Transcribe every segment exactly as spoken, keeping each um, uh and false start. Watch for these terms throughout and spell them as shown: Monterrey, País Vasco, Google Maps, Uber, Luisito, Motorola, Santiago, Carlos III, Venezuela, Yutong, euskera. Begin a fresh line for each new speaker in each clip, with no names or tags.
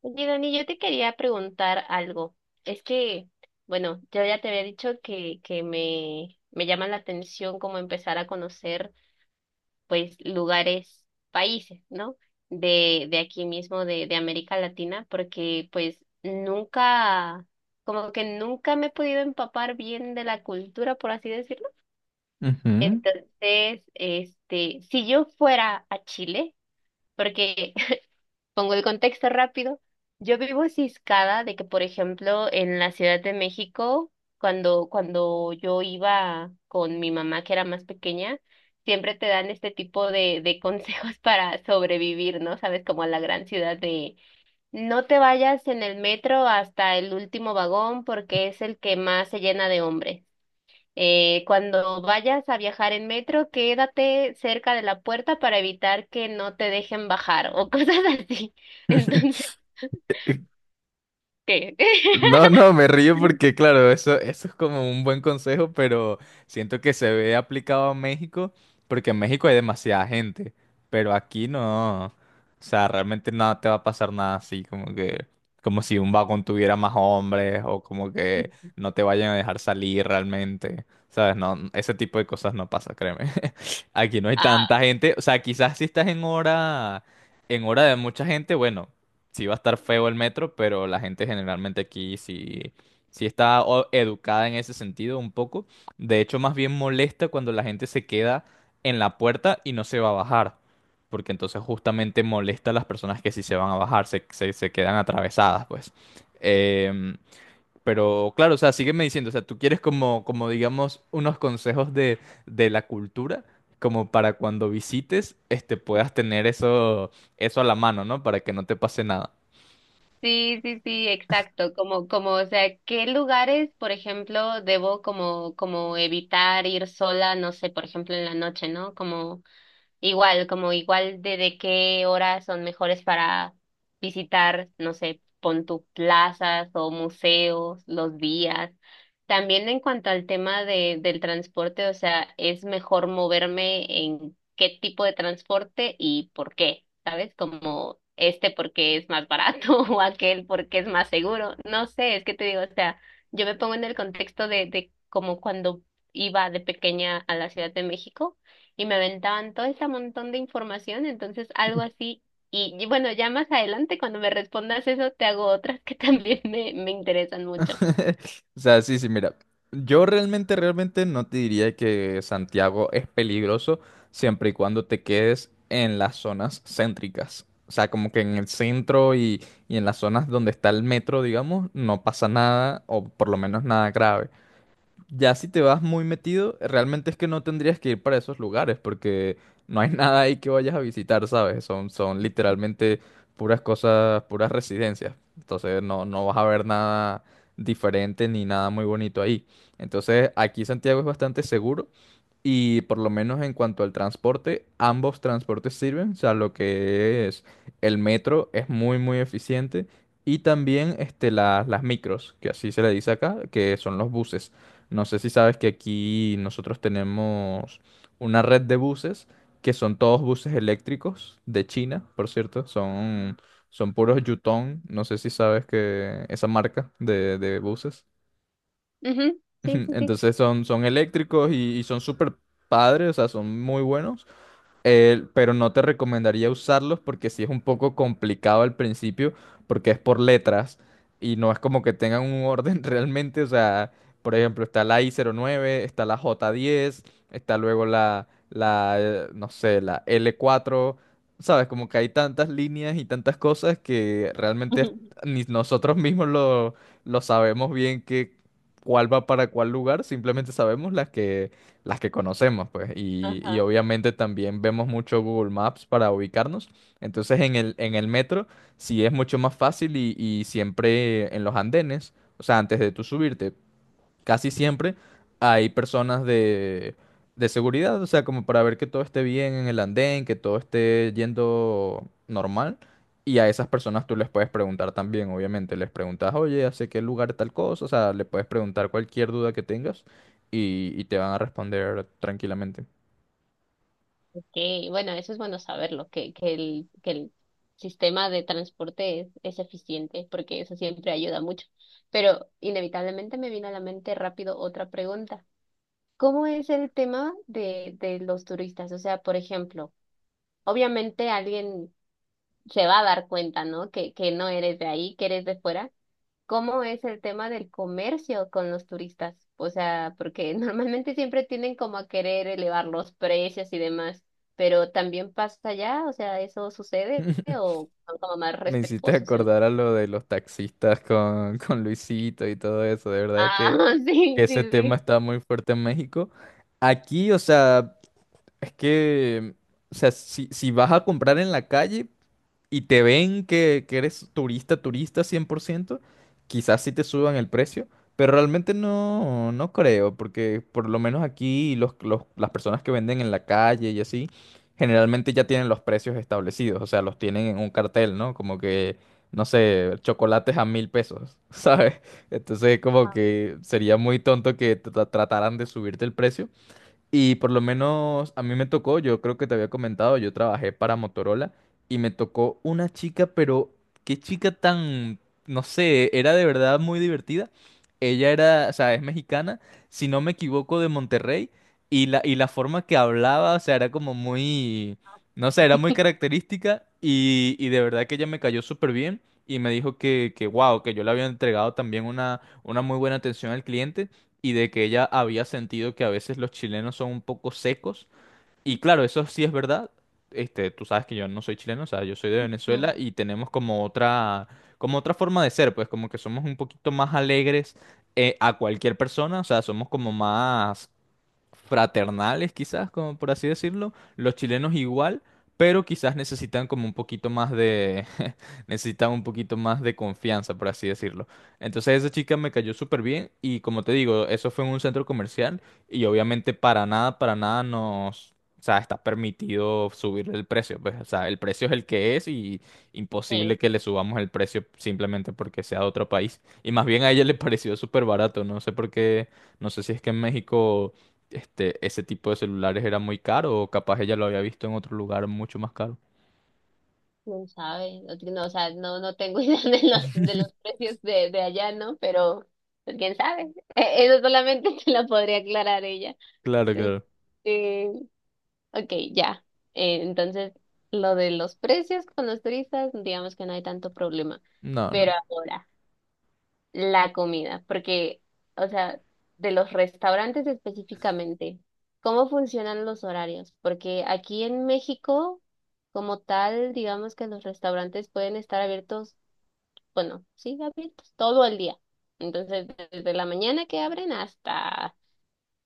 Oye, Dani, yo te quería preguntar algo. Es que, bueno, yo ya te había dicho que, que me, me llama la atención como empezar a conocer, pues, lugares, países, ¿no? De, de aquí mismo, de, de América Latina, porque, pues, nunca, como que nunca me he podido empapar bien de la cultura, por así decirlo.
Ujú.
Entonces, este, si yo fuera a Chile, porque pongo el contexto rápido. Yo vivo ciscada de que, por ejemplo, en la Ciudad de México, cuando, cuando yo iba con mi mamá, que era más pequeña, siempre te dan este tipo de, de consejos para sobrevivir, ¿no? Sabes, como a la gran ciudad de no te vayas en el metro hasta el último vagón porque es el que más se llena de hombres. Eh, cuando vayas a viajar en metro, quédate cerca de la puerta para evitar que no te dejen bajar o cosas así. Entonces, ¿qué?
No, no, me río porque, claro, eso, eso es como un buen consejo, pero siento que se ve aplicado a México, porque en México hay demasiada gente, pero aquí no. O sea, realmente no te va a pasar nada así, como que, como si un vagón tuviera más hombres, o como que no te vayan a dejar salir realmente. ¿Sabes? No, ese tipo de cosas no pasa, créeme. Aquí no hay
Ah,
tanta gente. O sea, quizás si estás en hora, en hora, de mucha gente, bueno. Sí va a estar feo el metro, pero la gente generalmente aquí sí, sí está o- educada en ese sentido un poco. De hecho, más bien molesta cuando la gente se queda en la puerta y no se va a bajar, porque entonces justamente molesta a las personas que sí se van a bajar, se, se, se quedan atravesadas, pues. Em, pero claro, o sea, sígueme diciendo, o sea, tú quieres como, como, digamos, unos consejos de, de la cultura, como para cuando visites, este, puedas tener eso, eso a la mano, ¿no? Para que no te pase nada.
sí, sí, sí, exacto. Como, como, o sea, ¿qué lugares, por ejemplo, debo como, como evitar ir sola, no sé, por ejemplo, en la noche, ¿no? Como igual, como igual de, de qué horas son mejores para visitar, no sé, pon tu plazas o museos, los días. También en cuanto al tema de, del transporte, o sea, es mejor moverme en qué tipo de transporte y por qué, ¿sabes? Como este porque es más barato o aquel porque es más seguro. No sé, es que te digo, o sea, yo me pongo en el contexto de, de como cuando iba de pequeña a la Ciudad de México y me aventaban todo ese montón de información, entonces algo así. Y, y bueno, ya más adelante, cuando me respondas eso, te hago otras que también me, me interesan mucho.
O sea, sí, sí, mira, yo realmente, realmente no te diría que Santiago es peligroso siempre y cuando te quedes en las zonas céntricas. O sea, como que en el centro y, y en las zonas donde está el metro, digamos, no pasa nada, o por lo menos nada grave. Ya si te vas muy metido, realmente es que no tendrías que ir para esos lugares porque no hay nada ahí que vayas a visitar, ¿sabes? Son, son literalmente puras cosas, puras residencias. Entonces no, no vas a ver nada diferente ni nada muy bonito ahí. Entonces aquí Santiago es bastante seguro y por lo menos en cuanto al transporte, ambos transportes sirven. O sea, lo que es el metro es muy, muy eficiente. Y también este, la- las micros, que así se le dice acá, que son los buses. No sé si sabes que aquí nosotros tenemos una red de buses, que son todos buses eléctricos de China, por cierto. Son, son puros Yutong. No sé si sabes que esa marca de de buses.
Ujú.
Ujú.
Sí, sí, sí.
Entonces son, son eléctricos y, y son súper padres, o sea, son muy buenos. Eh, pero no te recomendaría usarlos porque sí es un poco complicado al principio, porque es por letras y no es como que tengan un orden realmente. O sea, por ejemplo, está la i cero nueve, está la jota diez, está luego la, la, eh, no sé, la ele cuatro. Sabes, como que hay tantas líneas y tantas cosas que realmente es-
Ujú.
ni nosotros mismos lo, lo sabemos bien que cuál va para cuál lugar, simplemente sabemos las que las que conocemos, pues, y, y
Ajá,
obviamente también vemos mucho Google Maps para ubicarnos. Entonces en el, en el metro sí es mucho más fácil y, y siempre en los andenes, o sea, antes de tú subirte, casi siempre hay personas de, de seguridad, o sea, como para ver que todo esté bien en el andén, que todo esté yendo normal. Y a esas personas tú les puedes preguntar también, obviamente. Les preguntas, oye, ¿hace qué lugar tal cosa? O sea, le puedes preguntar cualquier duda que tengas y, y te van a responder tranquilamente.
okay. Bueno, eso es bueno saberlo, que, que el, que el sistema de transporte es, es eficiente, porque eso siempre ayuda mucho. Pero inevitablemente me vino a la mente rápido otra pregunta. ¿Cómo es el tema de, de los turistas? O sea, por ejemplo, obviamente alguien se va a dar cuenta, ¿no? Que, que no eres de ahí, que eres de fuera. ¿Cómo es el tema del comercio con los turistas? O sea, porque normalmente siempre tienden como a querer elevar los precios y demás, pero también pasa allá, o sea, ¿eso sucede o son como más
Me hiciste
respetuosos? En-
acordar a lo de los taxistas con, con Luisito y todo eso. De verdad es que
ah, sí,
ese
sí,
tema
sí.
está muy fuerte en México. Aquí, o sea, es que, o sea, si, si vas a comprar en la calle y te ven que, que eres turista, turista cien por ciento, quizás sí te suban el precio, pero realmente no, no creo, porque por lo menos aquí los, los- las personas que venden en la calle y así, generalmente ya tienen los precios establecidos, o sea, los tienen en un cartel, ¿no? Como que, no sé, chocolates a mil pesos, ¿sabes? Entonces, como
Ah,
que sería muy tonto que tra- trataran de subirte el precio, y por lo menos a mí me tocó, yo creo que te había comentado, yo trabajé para Motorola y me tocó una chica, pero qué chica tan, no sé, era de verdad muy divertida. Ella era, o sea, es mexicana, si no me equivoco, de Monterrey y la, y la forma que hablaba, o sea, era como muy, no sé, era muy característica y, y de verdad que ella me cayó súper bien y me dijo que, que, wow, que yo le había entregado también una, una muy buena atención al cliente y de que ella había sentido que a veces los chilenos son un poco secos. Y claro, eso sí es verdad. Este, tú sabes que yo no soy chileno, o sea, yo soy de
mm,
Venezuela y tenemos como otra, como otra forma de ser, pues como que somos un poquito más alegres eh, a cualquier persona, o sea, somos como más fraternales, quizás, como por así decirlo. Los chilenos igual, pero quizás necesitan como un poquito más de, necesitan un poquito más de confianza, por así decirlo. Entonces esa chica me cayó súper bien y como te digo, eso fue en un centro comercial y obviamente para nada, para nada nos... O sea, está permitido subir el precio, pues, o sea, el precio es el que es y imposible
sí,
que le subamos el precio simplemente porque sea de otro país. Y más bien a ella le pareció súper barato, no sé por qué, no sé si es que en México este, ese tipo de celulares era muy caro, o capaz ella lo había visto en otro lugar mucho más caro.
quién sabe, no, ti- no, o sea, no, no tengo idea de los, de los precios de, de allá, ¿no? Pero, pues, quién sabe. Eh, eso solamente te lo podría aclarar ella.
Claro, claro.
Este, ok, ya. Eh, entonces, lo de los precios con los turistas, digamos que no hay tanto problema.
No, no.
Pero ahora, la comida, porque, o sea, de los restaurantes específicamente, ¿cómo funcionan los horarios? Porque aquí en México, como tal, digamos que los restaurantes pueden estar abiertos, bueno, sí, abiertos todo el día. Entonces, desde la mañana que abren hasta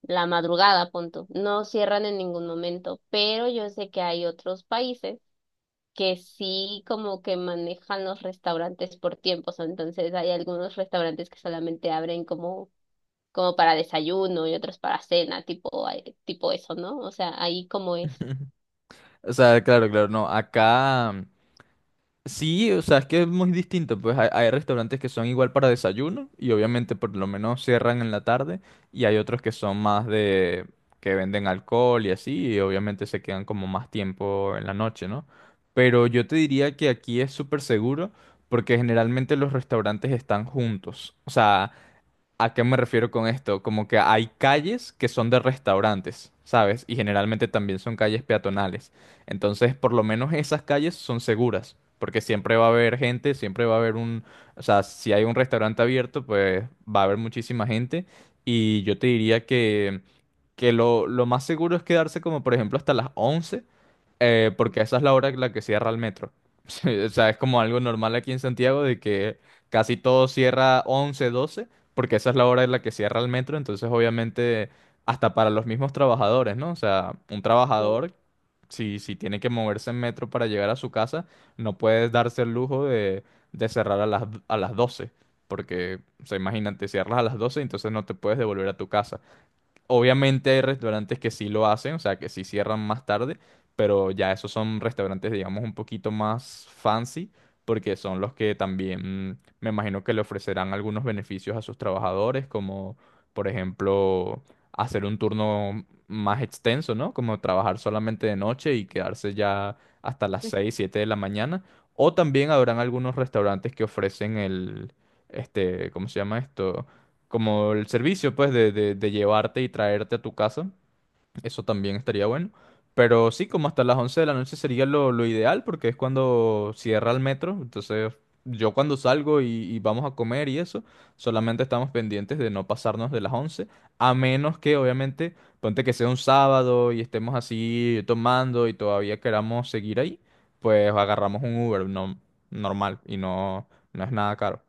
la madrugada, punto. No cierran en ningún momento, pero yo sé que hay otros países que sí como que manejan los restaurantes por tiempos, entonces hay algunos restaurantes que solamente abren como como para desayuno y otros para cena, tipo eh, tipo eso, ¿no? O sea, ahí como es.
O sea, claro, claro, no. Acá mm, sí, o sea, es que es muy distinto. Pues hay, hay restaurantes que son igual para desayuno y obviamente por lo menos cierran en la tarde, y hay otros que son más de que venden alcohol y así, y obviamente se quedan como más tiempo en la noche, ¿no? Pero yo te diría que aquí es súper seguro porque generalmente los restaurantes están juntos. O sea, ¿a qué me refiero con esto? Como que hay calles que son de restaurantes, ¿sabes? Y generalmente también son calles peatonales. Entonces, por lo menos esas calles son seguras, porque siempre va a haber gente, siempre va a haber un... O sea, si hay un restaurante abierto, pues va a haber muchísima gente. Y yo te diría que, que lo, lo, más seguro es quedarse como, por ejemplo, hasta las once. Eh, porque esa es la hora en la que cierra el metro. Sí, o sea, es como algo normal aquí en Santiago de que casi todo cierra once doce porque esa es la hora en la que cierra el metro. Entonces, obviamente, hasta para los mismos trabajadores, ¿no? O sea, un
Sí.
trabajador, si, si tiene que moverse en metro para llegar a su casa, no puede darse el lujo de, de, cerrar a las, a las doce. Porque, o sea, imagínate, cierras a las doce entonces no te puedes devolver a tu casa. Obviamente hay restaurantes que sí lo hacen, o sea, que sí cierran más tarde, pero ya esos son restaurantes, digamos, un poquito más fancy, porque son los que también mm, me imagino que le ofrecerán algunos beneficios a sus trabajadores, como por ejemplo hacer un turno más extenso, ¿no? Como trabajar solamente de noche y quedarse ya hasta las seis siete de la mañana. O también habrán algunos restaurantes que ofrecen el, este, ¿cómo se llama esto? Como el servicio, pues, de, de, de, llevarte y traerte a tu casa. Eso también estaría bueno. Pero sí, como hasta las once de la noche sería lo, lo ideal, porque es cuando cierra el metro. Entonces, yo cuando salgo y, y vamos a comer y eso, solamente estamos pendientes de no pasarnos de las once, a menos que, obviamente, ponte que sea un sábado y estemos así tomando y todavía queramos seguir ahí, pues agarramos un Uber no, normal y no, no es nada caro.